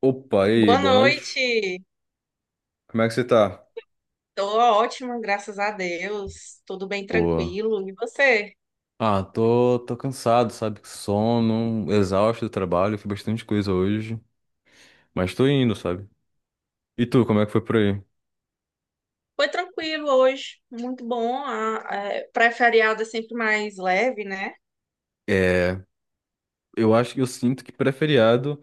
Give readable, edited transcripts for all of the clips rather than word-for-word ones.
Opa, e aí, Boa boa noite. noite. Como é que você tá? Tô ótima, graças a Deus. Tudo bem Boa. tranquilo. E você? Ah, tô cansado, sabe? Sono, exausto do trabalho, fiz bastante coisa hoje, mas tô indo, sabe? E tu, como é que foi por aí? Foi tranquilo hoje, muito bom. Pré-feriado é sempre mais leve, né? É, eu acho que eu sinto que pré-feriado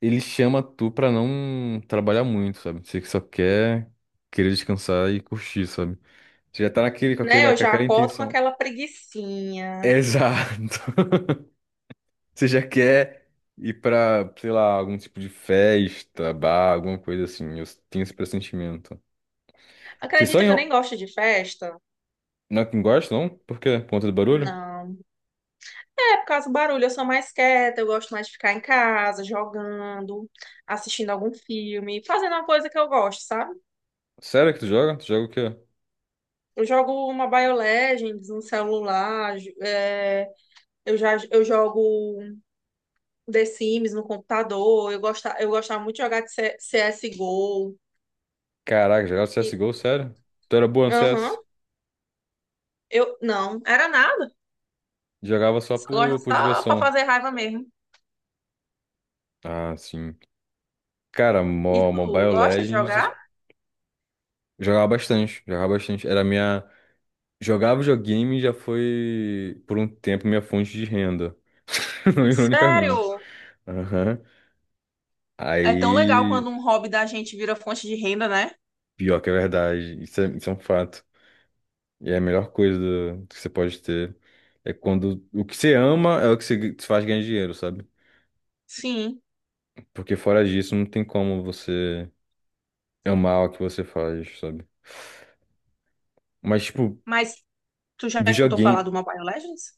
ele chama tu pra não trabalhar muito, sabe? Você que só quer querer descansar e curtir, sabe? Você já tá naquele, com Né? aquele, Eu com já aquela acordo com intenção. aquela preguicinha. Exato. Você já quer ir pra, sei lá, algum tipo de festa, bar, alguma coisa assim. Eu tenho esse pressentimento. Vocês só Acredita que eu nem enro... gosto de festa? não é que gosta, não? Por quê? Por conta do barulho? Não. É por causa do barulho, eu sou mais quieta, eu gosto mais de ficar em casa, jogando, assistindo algum filme, fazendo uma coisa que eu gosto, sabe? Sério que tu joga? Tu joga o quê? Eu jogo uma Mobile Legends no celular, eu jogo The Sims no computador. Eu gostava muito de jogar de C- C s CSGO. Caraca, jogava E, CSGO, sério? Tu era boa no aham, CS? eu não, era nada. Jogava só Só gosto por só pra diversão. fazer raiva mesmo. Ah, sim. Cara, E tu, Mobile gosta de jogar? Legends, jogava bastante, jogava bastante. Era minha... Jogava videogame e já foi, por um tempo, minha fonte de renda. Ironicamente. Sério? Aham. É tão legal Aí, quando um hobby da gente vira fonte de renda, né? pior que é verdade, isso é um fato. E é a melhor coisa do- que você pode ter. É quando o que você ama é o que você te faz ganhar dinheiro, sabe? Sim. Porque fora disso, não tem como você amar o que você faz, sabe? Mas, tipo, Mas tu já escutou falar videogame do Mobile Legends?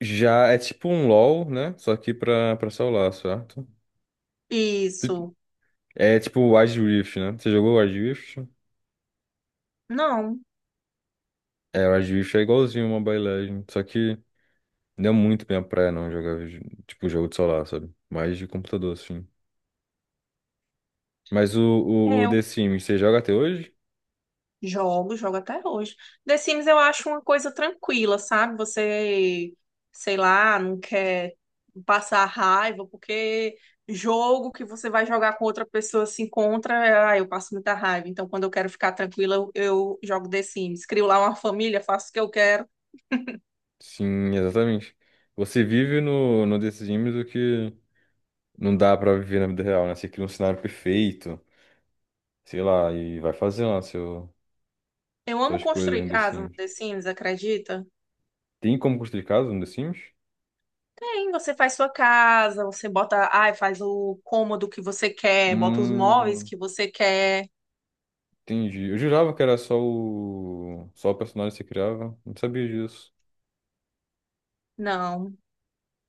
já é tipo um LoL, né? Só que pra celular, certo? Isso. É tipo o Wild Rift, né? Você jogou o Wild Rift? Não. É, o Wild Rift é igualzinho uma Mobile Legends, só que não é muito minha praia não jogar, tipo, jogo de celular, sabe? Mais de computador, assim. Mas o, o, É, o The Sims, você joga até hoje? jogo até hoje. The Sims eu acho uma coisa tranquila, sabe? Você, sei lá, não quer passar raiva, porque jogo que você vai jogar com outra pessoa se encontra, ah, eu passo muita raiva. Então, quando eu quero ficar tranquila, eu jogo The Sims. Crio lá uma família, faço o que eu quero. Sim, exatamente. Você vive no, no The Sims o que não dá pra viver na vida real, né? Você cria um cenário perfeito, sei lá, e vai fazendo lá seu, Eu amo suas coisas construir no The casa no Sims. The Sims, acredita? Tem como construir casa no The Sims? Tem, você faz sua casa, você bota, ai, faz o cômodo que você quer, bota os móveis Hum, que você quer. entendi. Eu jurava que era só só o personagem que você criava. Não sabia disso. Não,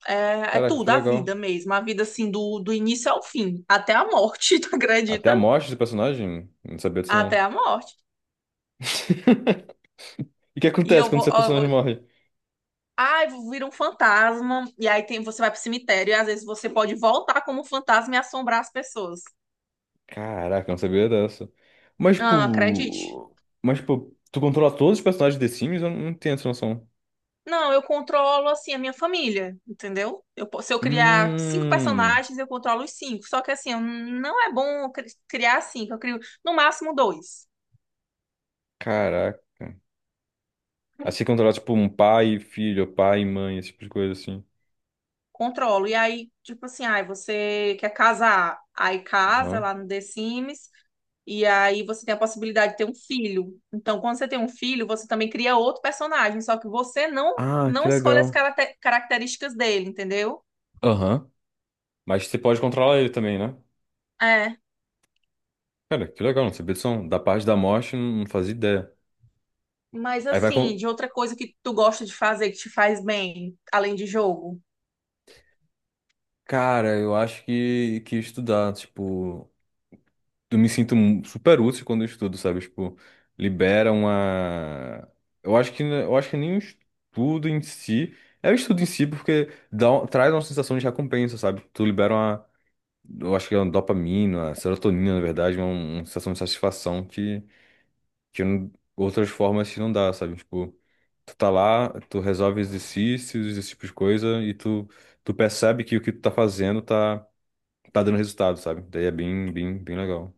é Caraca, tudo, que a vida legal. mesmo. A vida, assim, do início ao fim. Até a morte, tu Até a acredita? morte do personagem? Não sabia disso, Até não. a morte. E o que E acontece eu quando vou, seu ó, eu vou... personagem morre? Ai, vou vir um fantasma. E aí tem, você vai pro cemitério e às vezes você pode voltar como fantasma e assombrar as pessoas. Caraca, eu não sabia dessa. Mas, Ah, acredite. tipo. Mas, tipo, tu controla todos os personagens de The Sims? Eu não tenho essa noção. Não, eu controlo, assim, a minha família, entendeu? Se eu criar cinco Hum. personagens, eu controlo os cinco. Só que, assim, não é bom eu criar cinco. Eu crio, no máximo, dois. Caraca. Assim que tipo, um pai e filho, pai e mãe, esse tipo de coisa assim. Controlo. E aí, tipo assim, ai, você quer casar, aí casa Aham. lá no The Sims, e aí você tem a possibilidade de ter um filho. Então, quando você tem um filho, você também cria outro personagem, só que você não Ah, que não escolhe as legal. características dele, entendeu? Aham. Mas você pode controlar ele também, né? É. Cara, que legal, não sabia disso. Não. Da parte da morte, não fazia ideia. Mas Aí vai assim, com. de outra coisa que tu gosta de fazer que te faz bem, além de jogo. Cara, eu acho que ia estudar, tipo. Eu me sinto super útil quando eu estudo, sabe? Tipo, libera uma. Eu acho que nem o estudo em si. É o estudo em si porque dá, traz uma sensação de recompensa, sabe? Tu libera uma. Eu acho que é uma dopamina, uma serotonina, na verdade, uma sensação de satisfação que, que não- outras formas que não dá, sabe? Tipo, tu tá lá, tu resolve exercícios, esse tipo de coisa, e tu, tu percebe que o que tu tá fazendo tá, tá dando resultado, sabe? Daí é bem, bem, bem legal.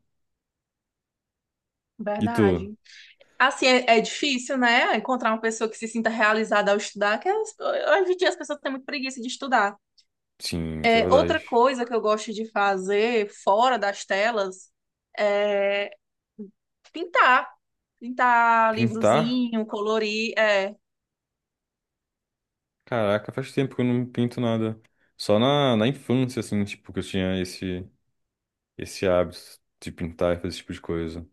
E tu? Verdade. Assim, é difícil, né? Encontrar uma pessoa que se sinta realizada ao estudar, hoje em dia as pessoas têm muito preguiça de estudar. Sim, isso é É, outra verdade. coisa que eu gosto de fazer fora das telas é pintar. Pintar Pintar? livrozinho, colorir. É. Caraca, faz tempo que eu não pinto nada. Só na, na infância, assim, tipo, que eu tinha esse, esse hábito de pintar e fazer esse tipo de coisa.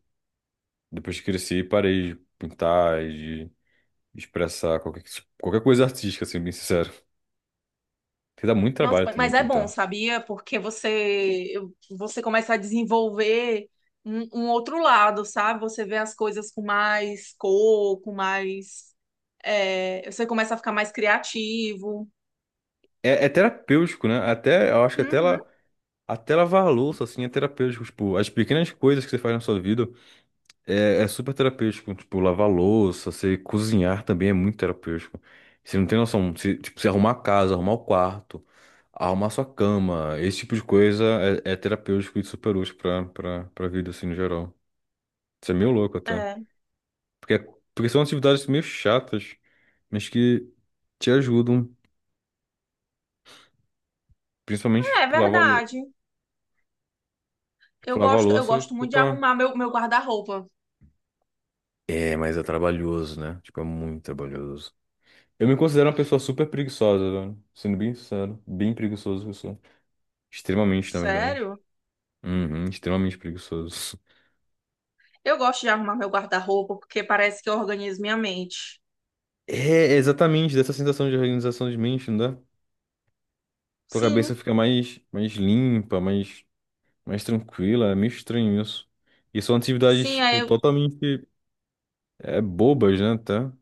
Depois que cresci, parei de pintar e de expressar qualquer, qualquer coisa artística, assim, bem sincero. Porque dá muito Nossa, trabalho também mas é bom, pintar. sabia? Porque você começa a desenvolver um outro lado, sabe? Você vê as coisas com mais cor, com mais. Você começa a ficar mais criativo. É, é terapêutico, né? Até, eu acho que até, Uhum. Até lavar a louça, assim, é terapêutico. Tipo, as pequenas coisas que você faz na sua vida é, é super terapêutico, tipo, lavar louça, você cozinhar também é muito terapêutico. Você não tem noção, se, tipo, você arrumar a casa, arrumar o quarto, arrumar sua cama, esse tipo de coisa é, é terapêutico e super útil pra vida, assim, no geral. Isso é meio louco até. É, Porque, porque são atividades meio chatas, mas que te ajudam, principalmente é tipo, verdade. tipo, Eu lavar gosto, eu louça, gosto muito de opa. arrumar meu guarda-roupa. É, mas é trabalhoso, né? Tipo, é muito trabalhoso. Eu me considero uma pessoa super preguiçosa, velho. Sendo bem sincero. Bem preguiçoso, eu sou. Extremamente, na verdade. Sério? Uhum, extremamente preguiçoso. Eu gosto de arrumar meu guarda-roupa porque parece que eu organizo minha mente. É, exatamente, dessa sensação de organização de mente, não dá? Tua cabeça Sim, fica mais, mais limpa, mais, mais tranquila. É meio estranho isso. E são atividades, sim, tipo, totalmente bobas, né, tá?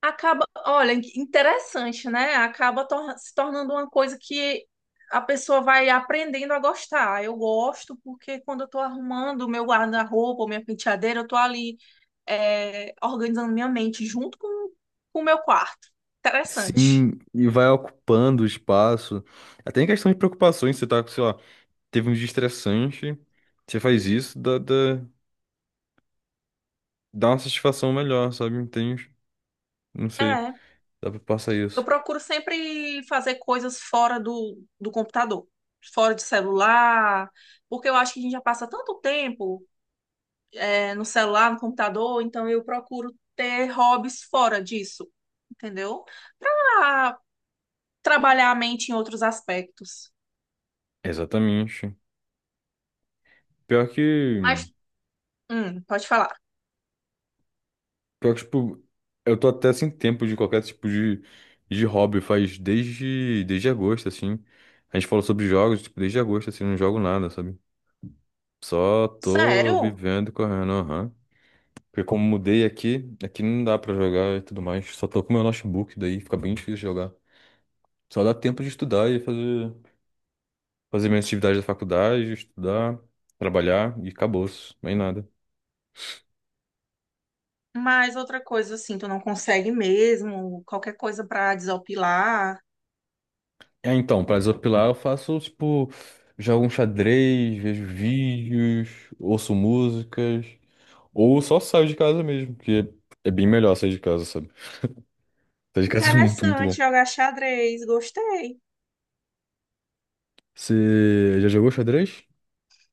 acaba, olha, interessante, né? Acaba se tornando uma coisa que a pessoa vai aprendendo a gostar. Eu gosto porque quando eu tô arrumando o meu guarda-roupa, minha penteadeira, eu tô ali organizando minha mente junto com o meu quarto. Interessante. Sim, e vai ocupando o espaço. Até em questão de preocupações, você tá, sei lá, teve um dia estressante, você faz isso, dá uma satisfação melhor, sabe? Entende? Não sei, É. dá pra passar Eu isso. procuro sempre fazer coisas fora do computador, fora de celular, porque eu acho que a gente já passa tanto tempo, no celular, no computador, então eu procuro ter hobbies fora disso, entendeu? Pra trabalhar a mente em outros aspectos. Exatamente. Pior que, Mas, pode falar. pior que, tipo, eu tô até sem tempo de qualquer tipo de hobby, faz desde agosto, assim. A gente falou sobre jogos, tipo, desde agosto, assim, não jogo nada, sabe? Só tô Sério? vivendo e correndo, aham. Porque como mudei aqui, aqui não dá pra jogar e tudo mais. Só tô com meu notebook, daí fica bem difícil jogar. Só dá tempo de estudar e fazer. Fazer minhas atividades da faculdade, estudar, trabalhar e acabou-se, nem nada. Mas outra coisa assim, tu não consegue mesmo, qualquer coisa pra desopilar. Ah, então, pra desopilar eu faço, tipo, jogo um xadrez, vejo vídeos, ouço músicas, ou só saio de casa mesmo, que é bem melhor sair de casa, sabe? Sair de casa é muito, muito Interessante bom. jogar xadrez, gostei. Você já jogou xadrez?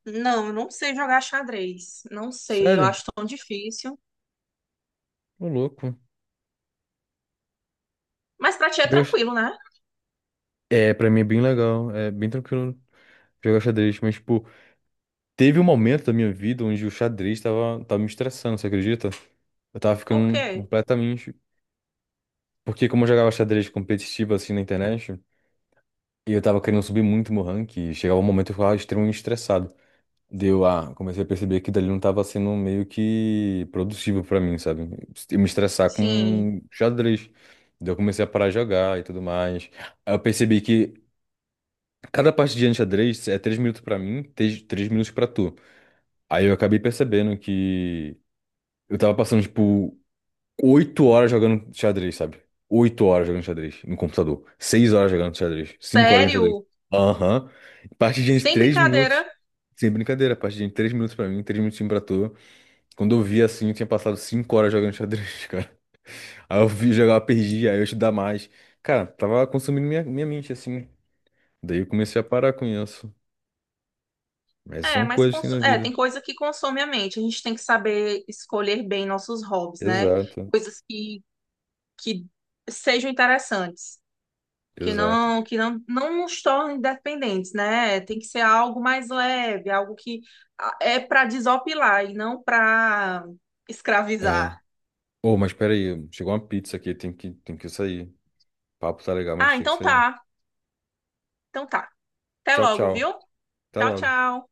Não, eu não sei jogar xadrez. Não sei, eu Sério? acho tão difícil. Ô, louco. Mas pra ti é Jogar x- tranquilo, né? É, pra mim é bem legal, é bem tranquilo jogar xadrez, mas, tipo, teve um momento da minha vida onde o xadrez tava me estressando, você acredita? Eu tava Por ficando quê? completamente. Porque como eu jogava xadrez competitivo assim na internet, e eu tava querendo subir muito meu ranking, e chegava um momento que eu ficava extremamente estressado. Deu a. Comecei a perceber que dali não tava sendo meio que produtivo pra mim, sabe? Eu me estressar Sim, com xadrez. Daí eu comecei a parar de jogar e tudo mais. Aí eu percebi que cada partidinha de xadrez é 3 minutos pra mim, três minutos pra tu. Aí eu acabei percebendo que eu tava passando, tipo, 8 horas jogando xadrez, sabe? 8 horas jogando xadrez no computador. 6 horas jogando xadrez. 5 horas jogando xadrez. sério, Aham. Partidinha de sem 3 minutos. brincadeira. Sem brincadeira, partidinha de três minutos pra mim, 3 minutinhos pra tu. Quando eu vi assim, eu tinha passado 5 horas jogando xadrez, cara. Aí eu vi jogar, perdi, aí eu estudar mais. Cara, tava consumindo minha mente, assim. Daí eu comecei a parar com isso. Mas É, são mas coisas que tem na vida. tem coisa que consome a mente. A gente tem que saber escolher bem nossos hobbies, né? Exato, Coisas que sejam interessantes, que exato. não que não, não nos tornem dependentes, né? Tem que ser algo mais leve, algo que ah, é pra desopilar e não para É. escravizar. Ô, mas peraí, chegou uma pizza aqui, tem que sair. Papo tá legal, mas Ah, tem que então sair. tá. Então tá. Até Tchau, logo, tchau. viu? Até Tchau, logo. tchau.